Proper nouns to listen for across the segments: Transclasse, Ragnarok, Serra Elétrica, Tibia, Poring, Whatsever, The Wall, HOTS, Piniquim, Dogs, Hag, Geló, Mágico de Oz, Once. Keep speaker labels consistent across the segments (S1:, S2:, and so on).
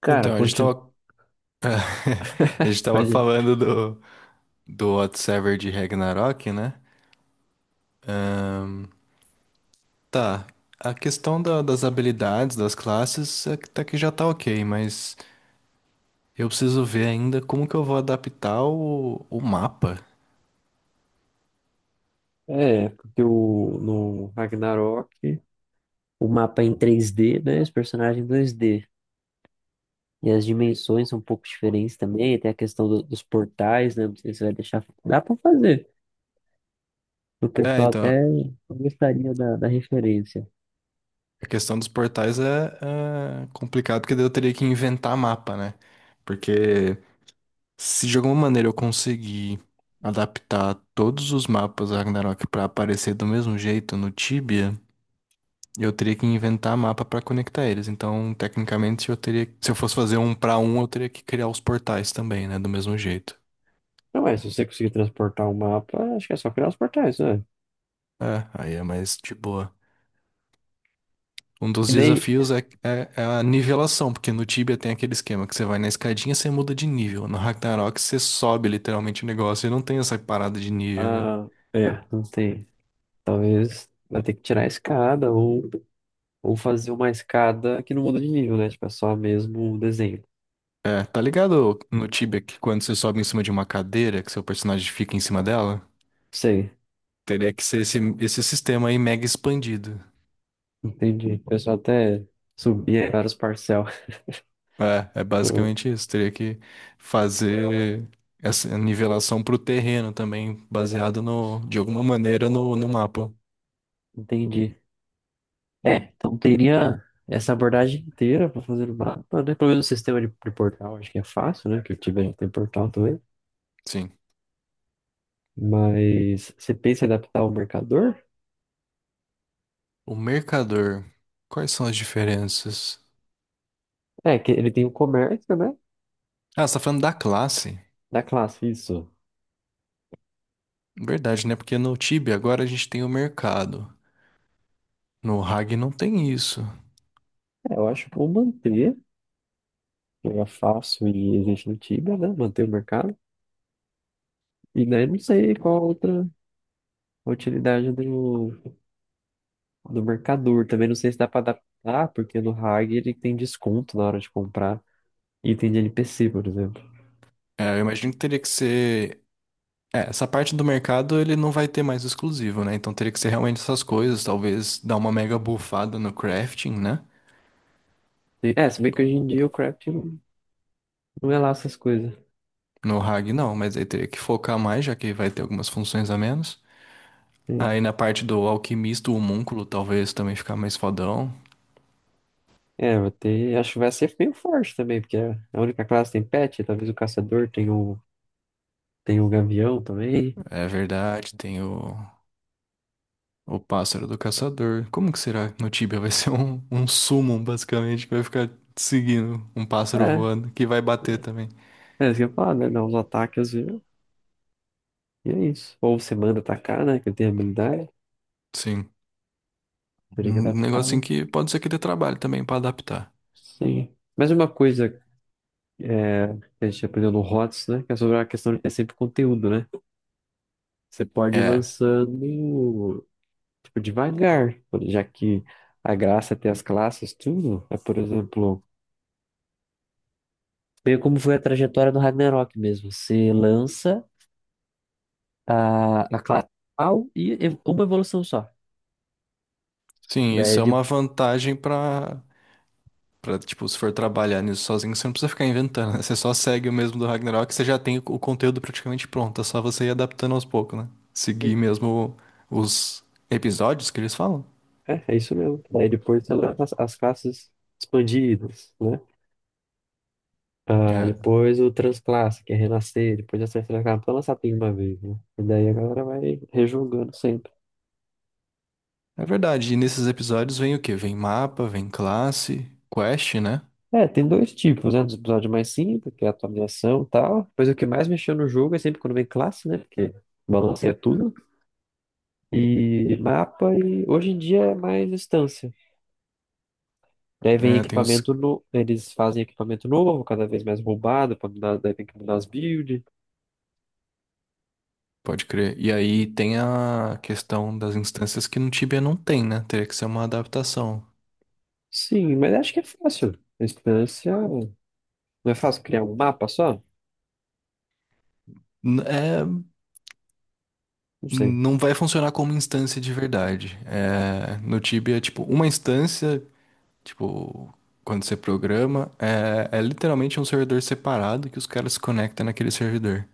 S1: Cara,
S2: Então, a gente
S1: continua.
S2: tava, a gente tava
S1: Pode ir.
S2: falando do Whatsever de Ragnarok, né? Ahn, tá, a questão das habilidades, das classes, é que tá que já tá ok, mas eu preciso ver ainda como que eu vou adaptar o mapa.
S1: É, porque no Ragnarok o mapa é em 3D, né? Os personagens em 2D. E as dimensões são um pouco diferentes também. Tem a questão dos portais, né? Não sei se vai deixar. Dá pra fazer. O
S2: É,
S1: pessoal até
S2: então,
S1: gostaria da referência.
S2: a questão dos portais é complicado, porque daí eu teria que inventar mapa, né? Porque se de alguma maneira eu conseguir adaptar todos os mapas Ragnarok pra aparecer do mesmo jeito no Tibia, eu teria que inventar mapa pra conectar eles. Então, tecnicamente, eu teria, se eu fosse fazer um pra um, eu teria que criar os portais também, né, do mesmo jeito.
S1: Não, é? Se você conseguir transportar o mapa, acho que é só criar os portais, né?
S2: É, aí é mais de boa. Um dos
S1: E daí.
S2: desafios é, é a nivelação, porque no Tibia tem aquele esquema que você vai na escadinha e você muda de nível. No Ragnarok você sobe literalmente o negócio e não tem essa parada de nível, né?
S1: Ah, é, não sei. Talvez vai ter que tirar a escada ou fazer uma escada que não muda de nível, né? Tipo, é só mesmo o desenho.
S2: É, tá ligado no Tibia que quando você sobe em cima de uma cadeira, que seu personagem fica em cima dela?
S1: Sei,
S2: Teria que ser esse sistema aí mega expandido.
S1: entendi. O pessoal até subia vários parcel.
S2: É, é basicamente isso. Teria que fazer essa nivelação pro terreno também, baseado de alguma maneira no mapa.
S1: Entendi. É, então teria essa abordagem inteira para fazer o mapa, né? Pelo menos o sistema de portal, acho que é fácil, né? Que eu tive já tem portal também.
S2: Sim.
S1: Mas você pensa em adaptar o mercador?
S2: O mercador. Quais são as diferenças?
S1: É, que ele tem o comércio, né?
S2: Ah, você tá falando da classe?
S1: Da classe, isso.
S2: Verdade, né? Porque no Tibia agora a gente tem o mercado. No Hag não tem isso.
S1: É, eu acho que vou manter, que é fácil e existe no Tibia, né? Manter o mercado. E daí não sei qual outra a utilidade do mercador. Também não sei se dá para adaptar, porque no Hag ele tem desconto na hora de comprar item de NPC, por exemplo.
S2: É, eu imagino que teria que ser. É, essa parte do mercado ele não vai ter mais exclusivo, né? Então teria que ser realmente essas coisas, talvez dar uma mega bufada no crafting, né?
S1: É, se bem que hoje em dia o craft não é lá essas coisas.
S2: No Hag não, mas aí teria que focar mais, já que vai ter algumas funções a menos. Aí
S1: Sim.
S2: na parte do alquimista, o homúnculo talvez também ficar mais fodão.
S1: É, vai ter, acho que vai ser meio forte também, porque a única classe tem pet, talvez o caçador tenha tenha o gavião também.
S2: É verdade, tem o pássaro do caçador. Como que será no Tibia? Vai ser um summon, basicamente, que vai ficar seguindo um pássaro
S1: É,
S2: voando, que vai bater
S1: é
S2: também.
S1: é isso que eu ia falar, né? Dá uns ataques e é isso. Ou você manda atacar, né? Que tem habilidade.
S2: Sim.
S1: Teria que
S2: Um
S1: adaptar.
S2: negocinho que pode ser que dê trabalho também pra adaptar.
S1: Sim. Mas uma coisa é, que a gente aprendeu no HOTS, né? Que é sobre a questão, é sempre conteúdo, né? Você pode ir
S2: É.
S1: lançando, tipo, devagar, já que a graça é ter as classes, tudo. É, por exemplo, meio como foi a trajetória do Ragnarok mesmo. Você lança a classe principal e uma evolução só.
S2: Sim,
S1: Daí
S2: isso é
S1: de...
S2: uma vantagem pra, tipo, se for trabalhar nisso sozinho, você não precisa ficar inventando, né? Você só segue o mesmo do Ragnarok, você já tem o conteúdo praticamente pronto, é só você ir adaptando aos poucos, né? Seguir mesmo os episódios que eles falam.
S1: É, é isso mesmo. Daí depois você lança as classes expandidas, né? Ah,
S2: É.
S1: depois o Transclasse, que é Renascer, depois a Serra Elétrica, pra lançar tudo de uma vez, né? E daí a galera vai rejogando sempre.
S2: É verdade, e nesses episódios vem o quê? Vem mapa, vem classe, quest, né?
S1: É, tem dois tipos, né? Dos episódios mais simples, que é a atualização e tal. Depois o que mais mexeu no jogo é sempre quando vem classe, né? Porque balanceia tudo. E mapa, e hoje em dia é mais instância. Daí vem
S2: É, tem
S1: equipamento
S2: os...
S1: novo, eles fazem equipamento novo, cada vez mais roubado, pra mudar, daí tem que mudar as builds.
S2: Pode crer. E aí tem a questão das instâncias que no Tibia não tem, né? Teria que ser uma adaptação.
S1: Sim, mas acho que é fácil. A instância. Não é fácil criar um mapa só?
S2: É.
S1: Não sei.
S2: Não vai funcionar como instância de verdade. É, no Tibia, tipo, uma instância, tipo, quando você programa, é literalmente um servidor separado que os caras se conectam naquele servidor.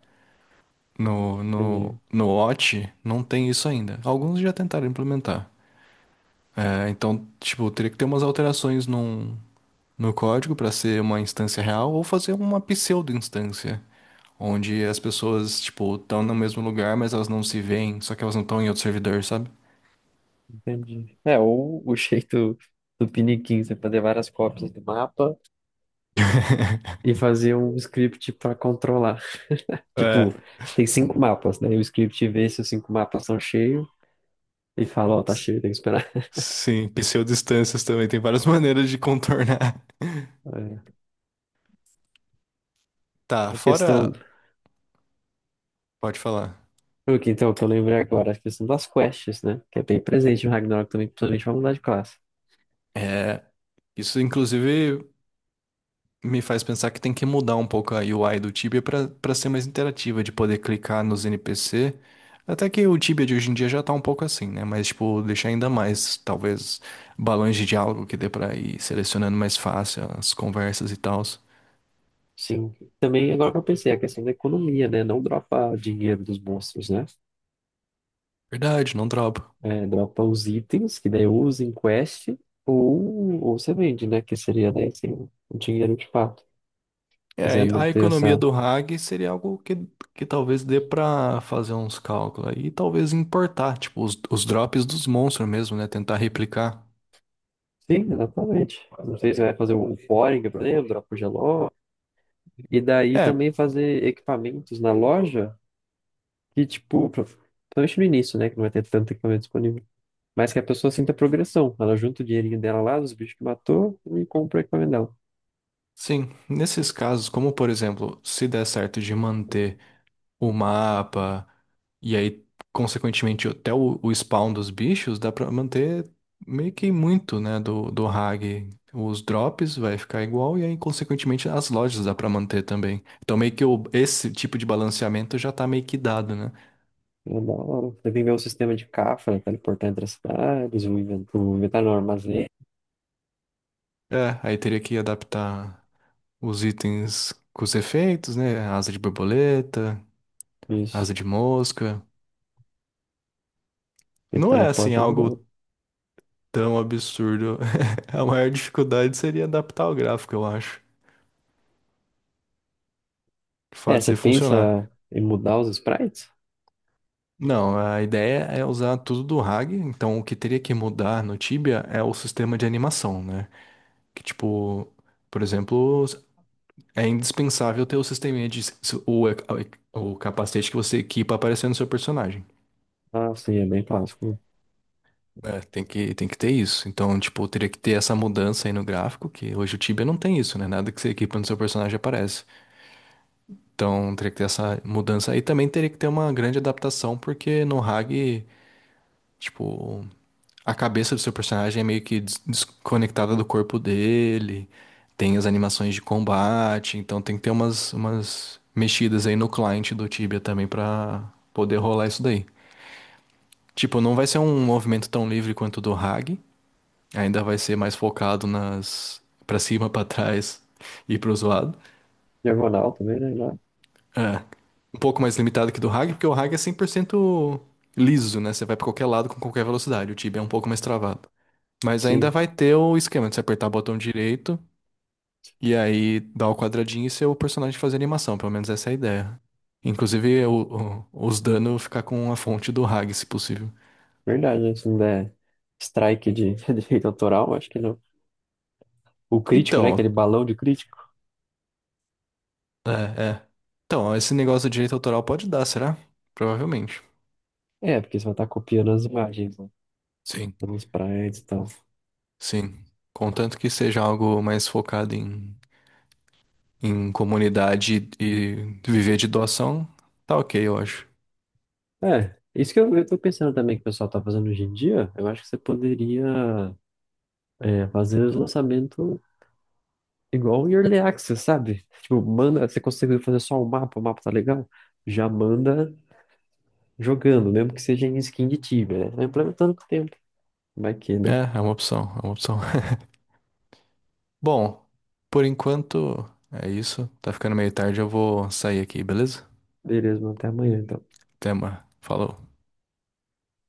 S2: No, no,
S1: Entendi.
S2: no Watch não tem isso ainda. Alguns já tentaram implementar. É, então, tipo, teria que ter umas alterações no código para ser uma instância real ou fazer uma pseudo-instância, onde as pessoas, tipo, estão no mesmo lugar, mas elas não se veem, só que elas não estão em outro servidor, sabe?
S1: Entendi. É, ou o jeito do Piniquim, você fazer várias cópias do mapa e fazer um script para controlar. Tipo,
S2: É,
S1: tem 5 mapas, né? E o script vê se os 5 mapas estão cheios e fala, ó, tá
S2: s-
S1: cheio, tem que esperar.
S2: sim, pseudodistâncias também, tem várias maneiras de contornar.
S1: É.
S2: Tá,
S1: A questão,
S2: fora. Pode falar.
S1: o que então, que eu lembrei agora, é a questão das quests, né? Que é bem presente no Ragnarok também, principalmente pra mudar de classe.
S2: É, isso inclusive me faz pensar que tem que mudar um pouco a UI do Tibia para ser mais interativa, de poder clicar nos NPC. Até que o Tibia de hoje em dia já tá um pouco assim, né? Mas, tipo, deixar ainda mais, talvez, balões de diálogo que dê pra ir selecionando mais fácil as conversas e tal.
S1: Sim. Também, agora que eu pensei, a questão da economia, né? Não dropar dinheiro dos monstros, né?
S2: Verdade, não dropa.
S1: É, dropa os itens, que daí ou usa em quest, ou você vende, né? Que seria daí assim, o dinheiro de fato. Quiser
S2: É, a
S1: manter
S2: economia
S1: essa.
S2: do RAG seria algo que talvez dê pra fazer uns cálculos aí, e talvez importar, tipo, os drops dos monstros mesmo, né? Tentar replicar.
S1: Sim, exatamente. Não sei se vai fazer o Poring, por exemplo, dropa o Geló. E daí
S2: É,
S1: também fazer equipamentos na loja, que tipo, principalmente no início, né? Que não vai ter tanto equipamento disponível. Mas que a pessoa sinta progressão. Ela junta o dinheirinho dela lá, dos bichos que matou, e compra o equipamento dela.
S2: sim, nesses casos, como por exemplo, se der certo de manter o mapa, e aí, consequentemente, até o spawn dos bichos, dá pra manter meio que muito, né, do Hag. Os drops vai ficar igual, e aí, consequentemente, as lojas dá pra manter também. Então, meio que esse tipo de balanceamento já tá meio que dado, né?
S1: É da hora. Você tem que ver o sistema de cafra, teleportar entre as cidades, o o inventário no armazém.
S2: É, aí teria que adaptar os itens com os efeitos, né? Asa de borboleta,
S1: Isso.
S2: asa de mosca.
S1: Ele
S2: Não é assim
S1: teleporta
S2: algo
S1: direto.
S2: tão absurdo. A maior dificuldade seria adaptar o gráfico, eu acho,
S1: É, você
S2: fazer
S1: pensa
S2: funcionar.
S1: em mudar os sprites?
S2: Não, a ideia é usar tudo do RAG, então o que teria que mudar no Tibia é o sistema de animação, né? Que tipo, por exemplo, é indispensável ter o sistema de o, o capacete que você equipa aparecendo no seu personagem.
S1: Ah, sim, é bem clássico.
S2: É, tem que ter isso. Então, tipo, teria que ter essa mudança aí no gráfico, que hoje o Tibia não tem isso, né? Nada que você equipa no seu personagem aparece. Então, teria que ter essa mudança aí. Também teria que ter uma grande adaptação, porque no RAG, tipo, a cabeça do seu personagem é meio que desconectada do corpo dele. Tem as animações de combate, então tem que ter umas mexidas aí no client do Tibia também pra poder rolar isso daí. Tipo, não vai ser um movimento tão livre quanto o do Hag, ainda vai ser mais focado nas pra cima, pra trás e pro zoado.
S1: Diagonal também, né? Lá.
S2: É, um pouco mais limitado que do Hag, porque o Hag é 100% liso, né? Você vai pra qualquer lado com qualquer velocidade. O Tibia é um pouco mais travado. Mas ainda
S1: Sim,
S2: vai ter o esquema de você apertar o botão direito, e aí dá o quadradinho e ser o personagem fazer animação, pelo menos essa é a ideia. Inclusive, os danos ficar com a fonte do Hag, se possível.
S1: verdade, né? Se não der strike de direito autoral, acho que não. O crítico, né? Aquele
S2: Então,
S1: balão de crítico.
S2: é, é. Então, esse negócio de direito autoral pode dar, será? Provavelmente.
S1: É, porque você vai estar copiando as imagens, né?
S2: Sim,
S1: Os sprites e tal.
S2: sim. Contanto que seja algo mais focado em comunidade e viver de doação, tá ok, eu acho.
S1: É, isso que eu tô pensando também que o pessoal tá fazendo hoje em dia, eu acho que você poderia é, fazer os lançamentos igual em Early Access, sabe? Tipo, manda, você conseguiu fazer só o mapa tá legal, já manda jogando, mesmo que seja em skin de Tibia, né? Vai implementando com o tempo. Vai que, né?
S2: É, é uma opção, é uma opção. Bom, por enquanto é isso. Tá ficando meio tarde, eu vou sair aqui, beleza?
S1: Beleza, mano, até amanhã, então.
S2: Até, mano. Falou.